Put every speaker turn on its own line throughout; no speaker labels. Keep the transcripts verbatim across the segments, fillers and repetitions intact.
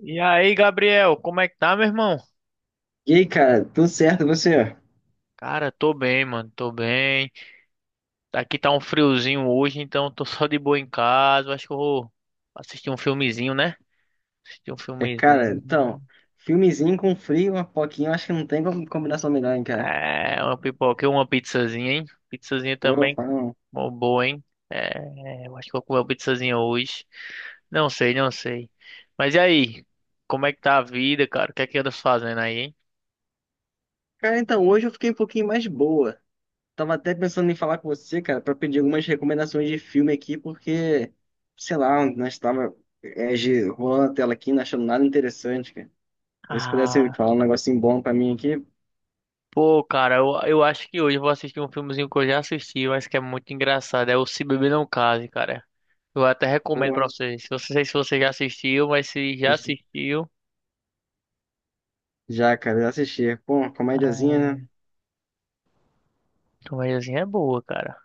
E aí, Gabriel, como é que tá, meu irmão?
E aí, cara, tudo certo, e você?
Cara, tô bem, mano, tô bem. Aqui tá um friozinho hoje, então tô só de boa em casa. Acho que eu vou assistir um filmezinho, né? Assistir um
É, cara,
filmezinho.
então, filmezinho com frio, uma poquinha, eu acho que não tem como combinação melhor, hein, cara?
É, uma pipoca, e uma pizzazinha, hein? Pizzazinha
Pô,
também,
fala não.
mó boa, hein? É, eu acho que vou comer uma pizzazinha hoje. Não sei, não sei. Mas e aí? Como é que tá a vida, cara? O que é que andas fazendo aí, hein?
Cara, então, hoje eu fiquei um pouquinho mais boa. Tava até pensando em falar com você, cara, pra pedir algumas recomendações de filme aqui, porque, sei lá, nós tava é, gi- rolando a tela aqui, não achando nada interessante, cara. Se pudesse
Ah.
falar um negocinho bom pra mim aqui,
Pô, cara, eu, eu acho que hoje eu vou assistir um filmezinho que eu já assisti, mas que é muito engraçado. É o Se Beber Não Case, cara. Eu até recomendo
pô,
pra vocês. Se você, sei se você já assistiu, mas se já assistiu,
já, cara, já assisti. Pô, comédiazinha, né?
a comédiazinha é boa, cara.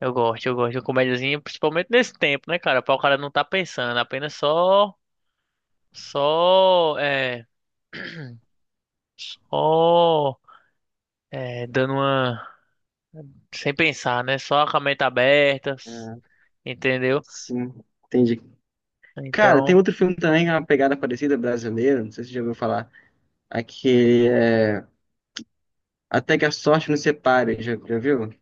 Eu gosto, eu gosto de comédiazinha, principalmente nesse tempo, né, cara? Pra o cara não tá pensando, apenas só, só, é, só, é, dando uma, sem pensar, né? Só com a mente aberta,
É,
entendeu?
sim, entendi. Cara, tem
Então.
outro filme também, que é uma pegada parecida, brasileira. Não sei se você já ouviu falar, aquele é Até que a Sorte Nos Separe, já, já viu?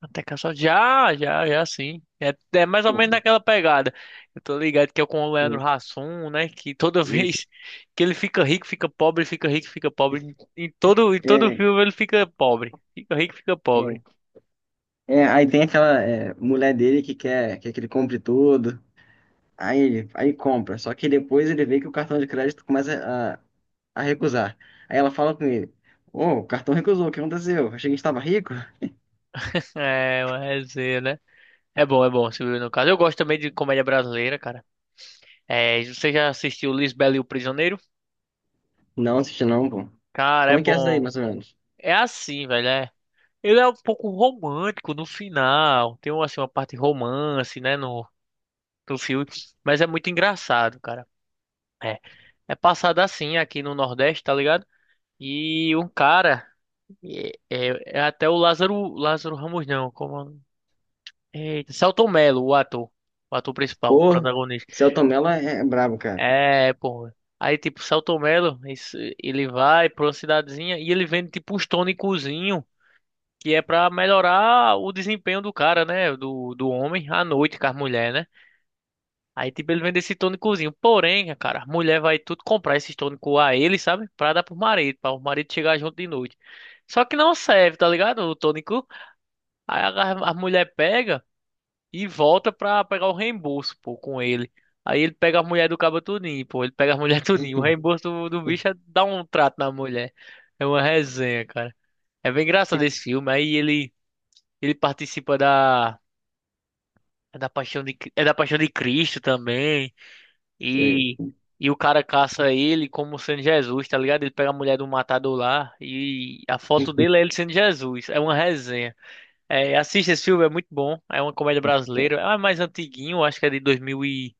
Até que só já, já, já sim. É, é mais ou menos
Desculpa,
naquela pegada. Eu tô ligado que é com o Leandro
isso,
Hassum, né? Que toda
isso.
vez que ele fica rico, fica pobre, fica rico, fica pobre. Em todo, em todo
É,
filme ele fica pobre. Fica rico, fica
é,
pobre.
é, aí tem aquela é, mulher dele que quer, quer que ele compre tudo, aí ele aí compra, só que depois ele vê que o cartão de crédito começa a, a recusar. Aí ela fala com ele, ô, o cartão recusou, o que aconteceu? Achei que a gente tava rico?
É, uma resenha, né? É bom, é bom, Silvio, no caso. Eu gosto também de comédia brasileira, cara. É, você já assistiu Lisbela e o Prisioneiro?
Não, assisti não, pô.
Cara, é
Como é que é essa daí,
bom.
mais ou menos?
É assim, velho, é. Ele é um pouco romântico no final. Tem uma, assim, uma parte romance, né? no do filme, mas é muito engraçado, cara. É, é passado assim aqui no Nordeste, tá ligado? E um cara, é, é- é até o Lázaro, Lázaro Ramos não, como Eita, Selton Mello, o ator, o ator principal,
Pô,
o protagonista.
Selton Mello é, é brabo, cara.
É, pô. Aí tipo, Selton Mello, esse- ele vai pra uma cidadezinha e ele vende tipo uns tônicozinho que é pra melhorar o desempenho do cara, né, do, do homem à noite com as mulheres, né? Aí, tipo, ele vende esse tônicozinho. Porém, cara, a mulher vai tudo comprar esse tônicos a ele, sabe? Pra dar pro marido, pra o marido chegar junto de noite. Só que não serve, tá ligado? O tônico. Aí a, a mulher pega e volta pra pegar o reembolso, pô, com ele. Aí ele pega a mulher do cabo tudinho, pô. Ele pega a mulher tudinho. O reembolso do, do bicho é dar um trato na mulher. É uma resenha, cara. É bem engraçado esse filme. Aí ele, ele participa da, é da paixão de, Cri- é da paixão de Cristo também.
Sei.
E, e o cara caça ele como sendo Jesus, tá ligado? Ele pega a mulher do matador lá e a foto dele é ele sendo Jesus. É uma resenha. É, assista esse filme, é muito bom. É uma comédia brasileira. É mais antiguinho, acho que é de dois mil e dois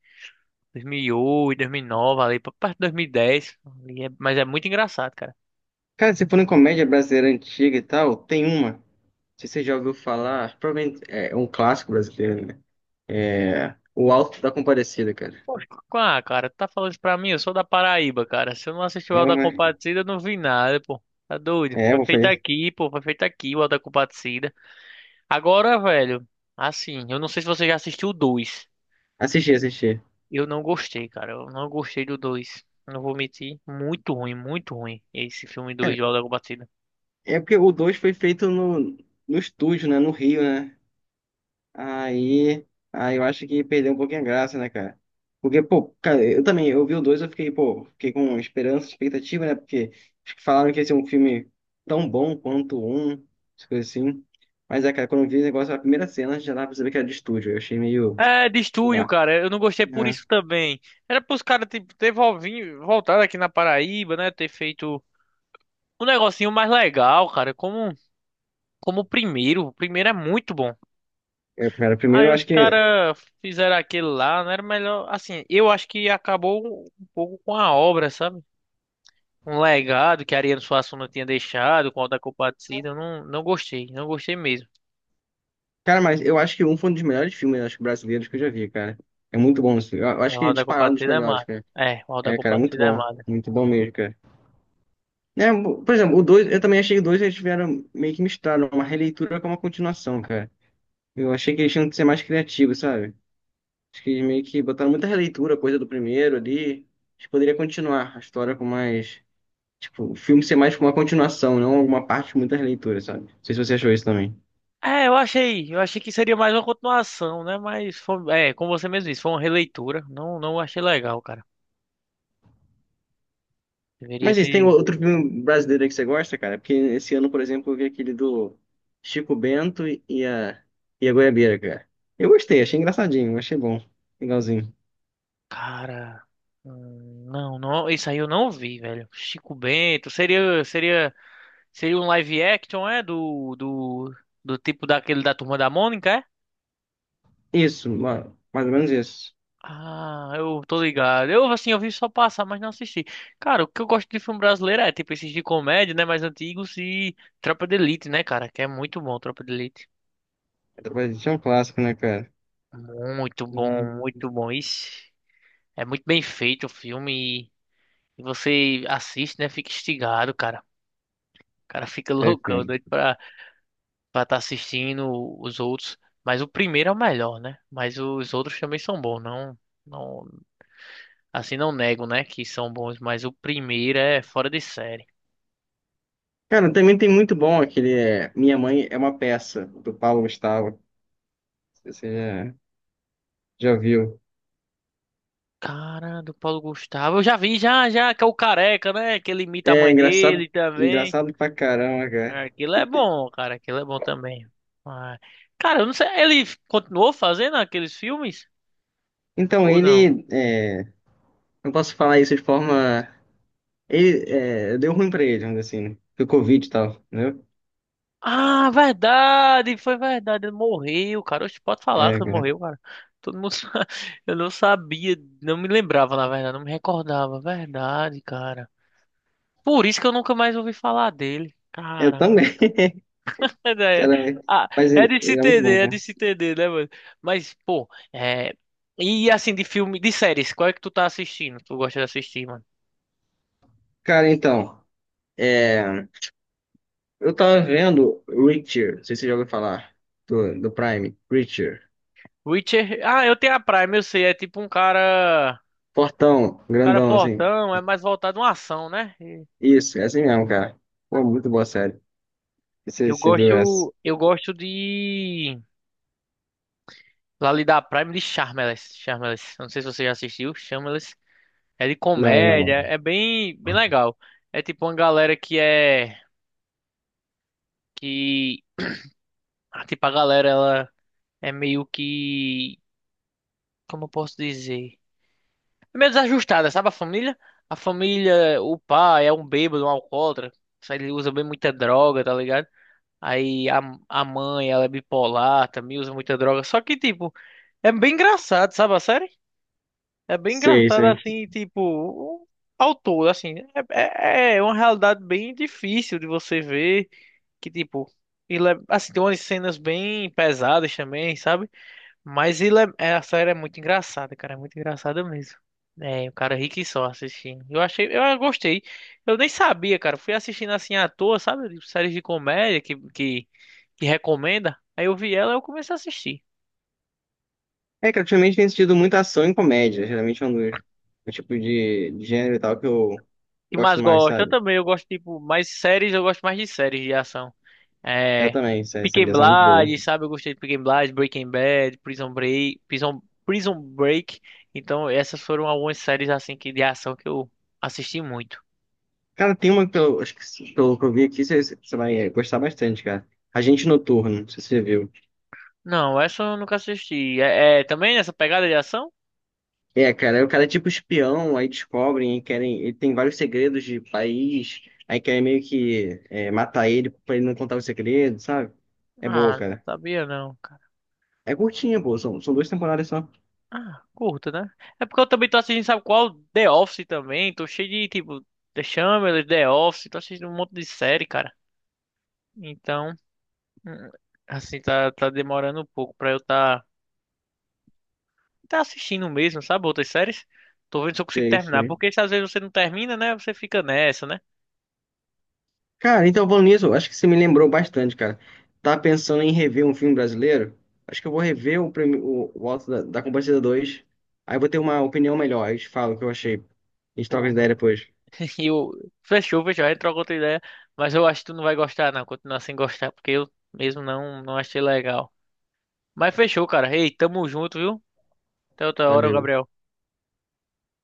dois mil mil e oito, dois mil e nove, ali, pra perto de dois mil e dez. E dez. E é- Mas é muito engraçado, cara.
Cara, se for em comédia brasileira antiga e tal, tem uma. Não sei se você já ouviu falar, provavelmente é é um clássico brasileiro, né? É O Alto da Compadecida, cara.
Pô, ah, cara, tu tá falando isso pra mim? Eu sou da Paraíba, cara. Se eu não assisti o
É
Auto da
uma.
Compadecida, eu não vi nada, pô. Tá doido?
É,
Foi
eu
feito
falei.
aqui, pô. Foi feito aqui o Auto da Compadecida. Agora, velho, assim, eu não sei se você já assistiu o dois.
Assisti, assisti.
Eu não gostei, cara. Eu não gostei do dois. Não vou mentir. Muito ruim, muito ruim. Esse filme dois de
Cara,
Lagoa Batida.
é porque o dois foi feito no, no estúdio, né? No Rio, né? Aí, aí eu acho que perdeu um pouquinho a graça, né, cara? Porque, pô, cara, eu também, eu vi o dois, eu fiquei, pô, fiquei com esperança, expectativa, né? Porque acho que falaram que ia ser um filme tão bom quanto um, essas coisas assim. Mas é, cara, quando eu vi o negócio, a primeira cena já dava pra saber que era de estúdio. Eu achei meio.
É, de
Sei
estúdio,
lá.
cara. Eu não gostei por
Né?
isso também. Era pros caras tipo, ter volvin- voltado aqui na Paraíba, né? Ter feito um negocinho mais legal, cara. Como, como o primeiro. O primeiro é muito bom.
É, cara, primeiro
Aí
eu
os
acho que.
caras fizeram aquele lá, não era melhor. Assim, eu acho que acabou um pouco com a obra, sabe? Um legado que Ariano Suassuna tinha deixado com o Auto da Compadecida. Eu não, não gostei, não gostei mesmo.
Cara, mas eu acho que um foi um dos melhores filmes, né, acho, que brasileiros que eu já vi, cara. É muito bom isso. Eu eu
É,
acho
o
que é
Auto da
disparado um dos
Compadecida é
melhores,
massa.
cara.
É, o Auto da
É, cara, muito
Compadecida é
bom.
massa.
Muito bom mesmo, cara. Né? Por exemplo, o dois eu também achei que o dois eles tiveram meio que misturado uma releitura com uma continuação, cara. Eu achei que eles tinham que ser mais criativos, sabe? Acho que eles meio que botaram muita releitura, coisa do primeiro ali. Acho que poderia continuar a história com mais. Tipo, o filme ser mais como uma continuação, não alguma parte com muita releitura, sabe? Não sei se você achou isso também.
É, eu achei, eu achei que seria mais uma continuação, né? Mas foi, é, como você mesmo disse, foi uma releitura. Não, não achei legal, cara. Deveria
Mas isso,
ter,
tem outro filme brasileiro aí que você gosta, cara? Porque esse ano, por exemplo, eu vi aquele do Chico Bento e a, e a Goiabeira, cara. Eu gostei, achei engraçadinho, achei bom, legalzinho.
cara, hum, não, não, isso aí eu não vi, velho. Chico Bento, seria, seria, seria um live action, é, do, do, do tipo daquele da Turma da Mônica, é?
Isso, ma- mais ou menos isso.
Ah, eu tô ligado. Eu, assim, eu vi só passar, mas não assisti. Cara, o que eu gosto de filme brasileiro é, tipo, esses de comédia, né, mais antigos e Tropa de Elite, né, cara, que é muito bom, Tropa de Elite.
Através é um clássico, né, cara?
Muito
Hum.
bom, muito bom. Ixi, é muito bem feito o filme e, e você assiste, né, fica instigado, cara. O cara fica
É, cara.
loucão, doido pra estar tá assistindo os outros. Mas o primeiro é o melhor, né? Mas os outros também são bons, não. Não, assim não nego, né, que são bons, mas o primeiro é fora de série.
Cara, também tem muito bom aquele é, Minha Mãe é uma Peça, do Paulo Gustavo. Você já, já viu.
Cara, do Paulo Gustavo. Eu já vi, já, já, que é o Careca, né? Que ele imita a
É
mãe
engraçado,
dele também.
engraçado pra caramba, cara.
É, aquilo é bom, cara. Aquilo é bom também. Ah, cara, eu não sei. Ele continuou fazendo aqueles filmes?
Então,
Ou não?
ele, é, não posso falar isso de forma... Ele, é, deu ruim pra ele, vamos dizer assim, né? Foi Covid e tal, entendeu?
Ah, verdade! Foi verdade. Ele morreu, cara. Oxe, pode falar
É,
que ele
cara.
morreu, cara. Todo mundo sabe. Eu não sabia. Não me lembrava, na verdade. Não me recordava. Verdade, cara. Por isso que eu nunca mais ouvi falar dele.
Eu
Cara.
também,
Mas É,
cara.
ah,
Mas
é
ele,
de se
ele é muito bom,
entender, é de
cara.
se entender, né, mano? Mas, pô, é. E assim, de filme, de séries, qual é que tu tá assistindo? Tu gosta de assistir, mano?
Cara, então... é, eu tava vendo Reacher, não sei se você já ouviu falar, do, do Prime, Reacher.
Witcher. Ah, eu tenho a Prime, eu sei. É tipo um cara.
Fortão,
Cara
grandão, assim.
fortão, é mais voltado a uma ação, né? E
Isso, é assim mesmo, cara. Pô, muito boa série. Você,
Eu
você viu essa?
gosto. Eu gosto de. Lá ali da Prime de Shameless. Shameless, eu não sei se você já assistiu. Shameless. É de
Não,
comédia.
não.
É bem, bem legal. É tipo uma galera que é. Que. Ah, tipo, a galera, ela. É meio que, como eu posso dizer? É meio desajustada, sabe a família? A família, o pai é um bêbado, um alcoólatra, só ele usa bem muita droga, tá ligado? Aí a, a mãe, ela é bipolar, também usa muita droga. Só que, tipo, é bem engraçado, sabe a série? É bem
Sei,
engraçado,
sei.
assim, tipo, ao todo, assim. É, é é uma realidade bem difícil de você ver, que, tipo, ele é- assim, tem umas cenas bem pesadas também, sabe? Mas ele é- é- a série é muito engraçada, cara. É muito engraçada mesmo. É, o cara é rico e só assistindo. Eu achei, eu gostei. Eu nem sabia, cara. Fui assistindo assim à toa, sabe? De séries de comédia que, que, que recomenda. Aí eu vi ela e eu comecei a assistir.
É que ultimamente tem assistido muita ação e comédia, geralmente é um dos, o tipo de, de gênero e tal que eu
O que
gosto
mais
mais,
gosto? Eu
sabe?
também, eu gosto, tipo, mais séries, eu gosto mais de séries de ação.
Eu
É.
também, essa, essa
Peaky
ligação é muito boa.
Blinders, sabe? Eu gostei de Peaky Blinders, Breaking Bad, Prison Break, Prison, Prison Break. Então, essas foram algumas séries assim que de ação que eu assisti muito.
Cara, tem uma que eu, acho que se- pelo que eu vi aqui, você, você vai gostar bastante, cara. Agente Noturno, não sei se você viu.
Não, essa eu nunca assisti. É, é também nessa pegada de ação?
É, cara, aí o cara é tipo espião, aí descobrem, aí querem, ele tem vários segredos de país, aí querem meio que é, matar ele pra ele não contar o segredo, sabe? É boa,
Ah,
cara.
sabia não, cara.
É curtinha, pô, são, são duas temporadas só.
Ah, curto, né? É porque eu também tô assistindo, sabe qual? The Office também. Tô cheio de, tipo, The Chamber, The Office. Tô assistindo um monte de série, cara. Então, hum, assim, tá, tá demorando um pouco pra eu tá, tá, assistindo mesmo, sabe? Outras séries. Tô vendo se eu consigo
Sei,
terminar.
sei.
Porque se às vezes você não termina, né? Você fica nessa, né?
Cara, então, falando nisso, acho que você me lembrou bastante, cara. Tá pensando em rever um filme brasileiro? Acho que eu vou rever o, prime- o, o Auto da, da Compadecida dois, aí eu vou ter uma opinião melhor, aí eu te falo o que eu achei. A gente troca
Pô.
ideia depois.
E o Fechou, fechou, a gente troca outra ideia. Mas eu acho que tu não vai gostar, não. Continuar sem gostar, porque eu mesmo não, não achei legal. Mas fechou, cara. Ei, tamo junto, viu? Até outra hora,
Valeu.
Gabriel.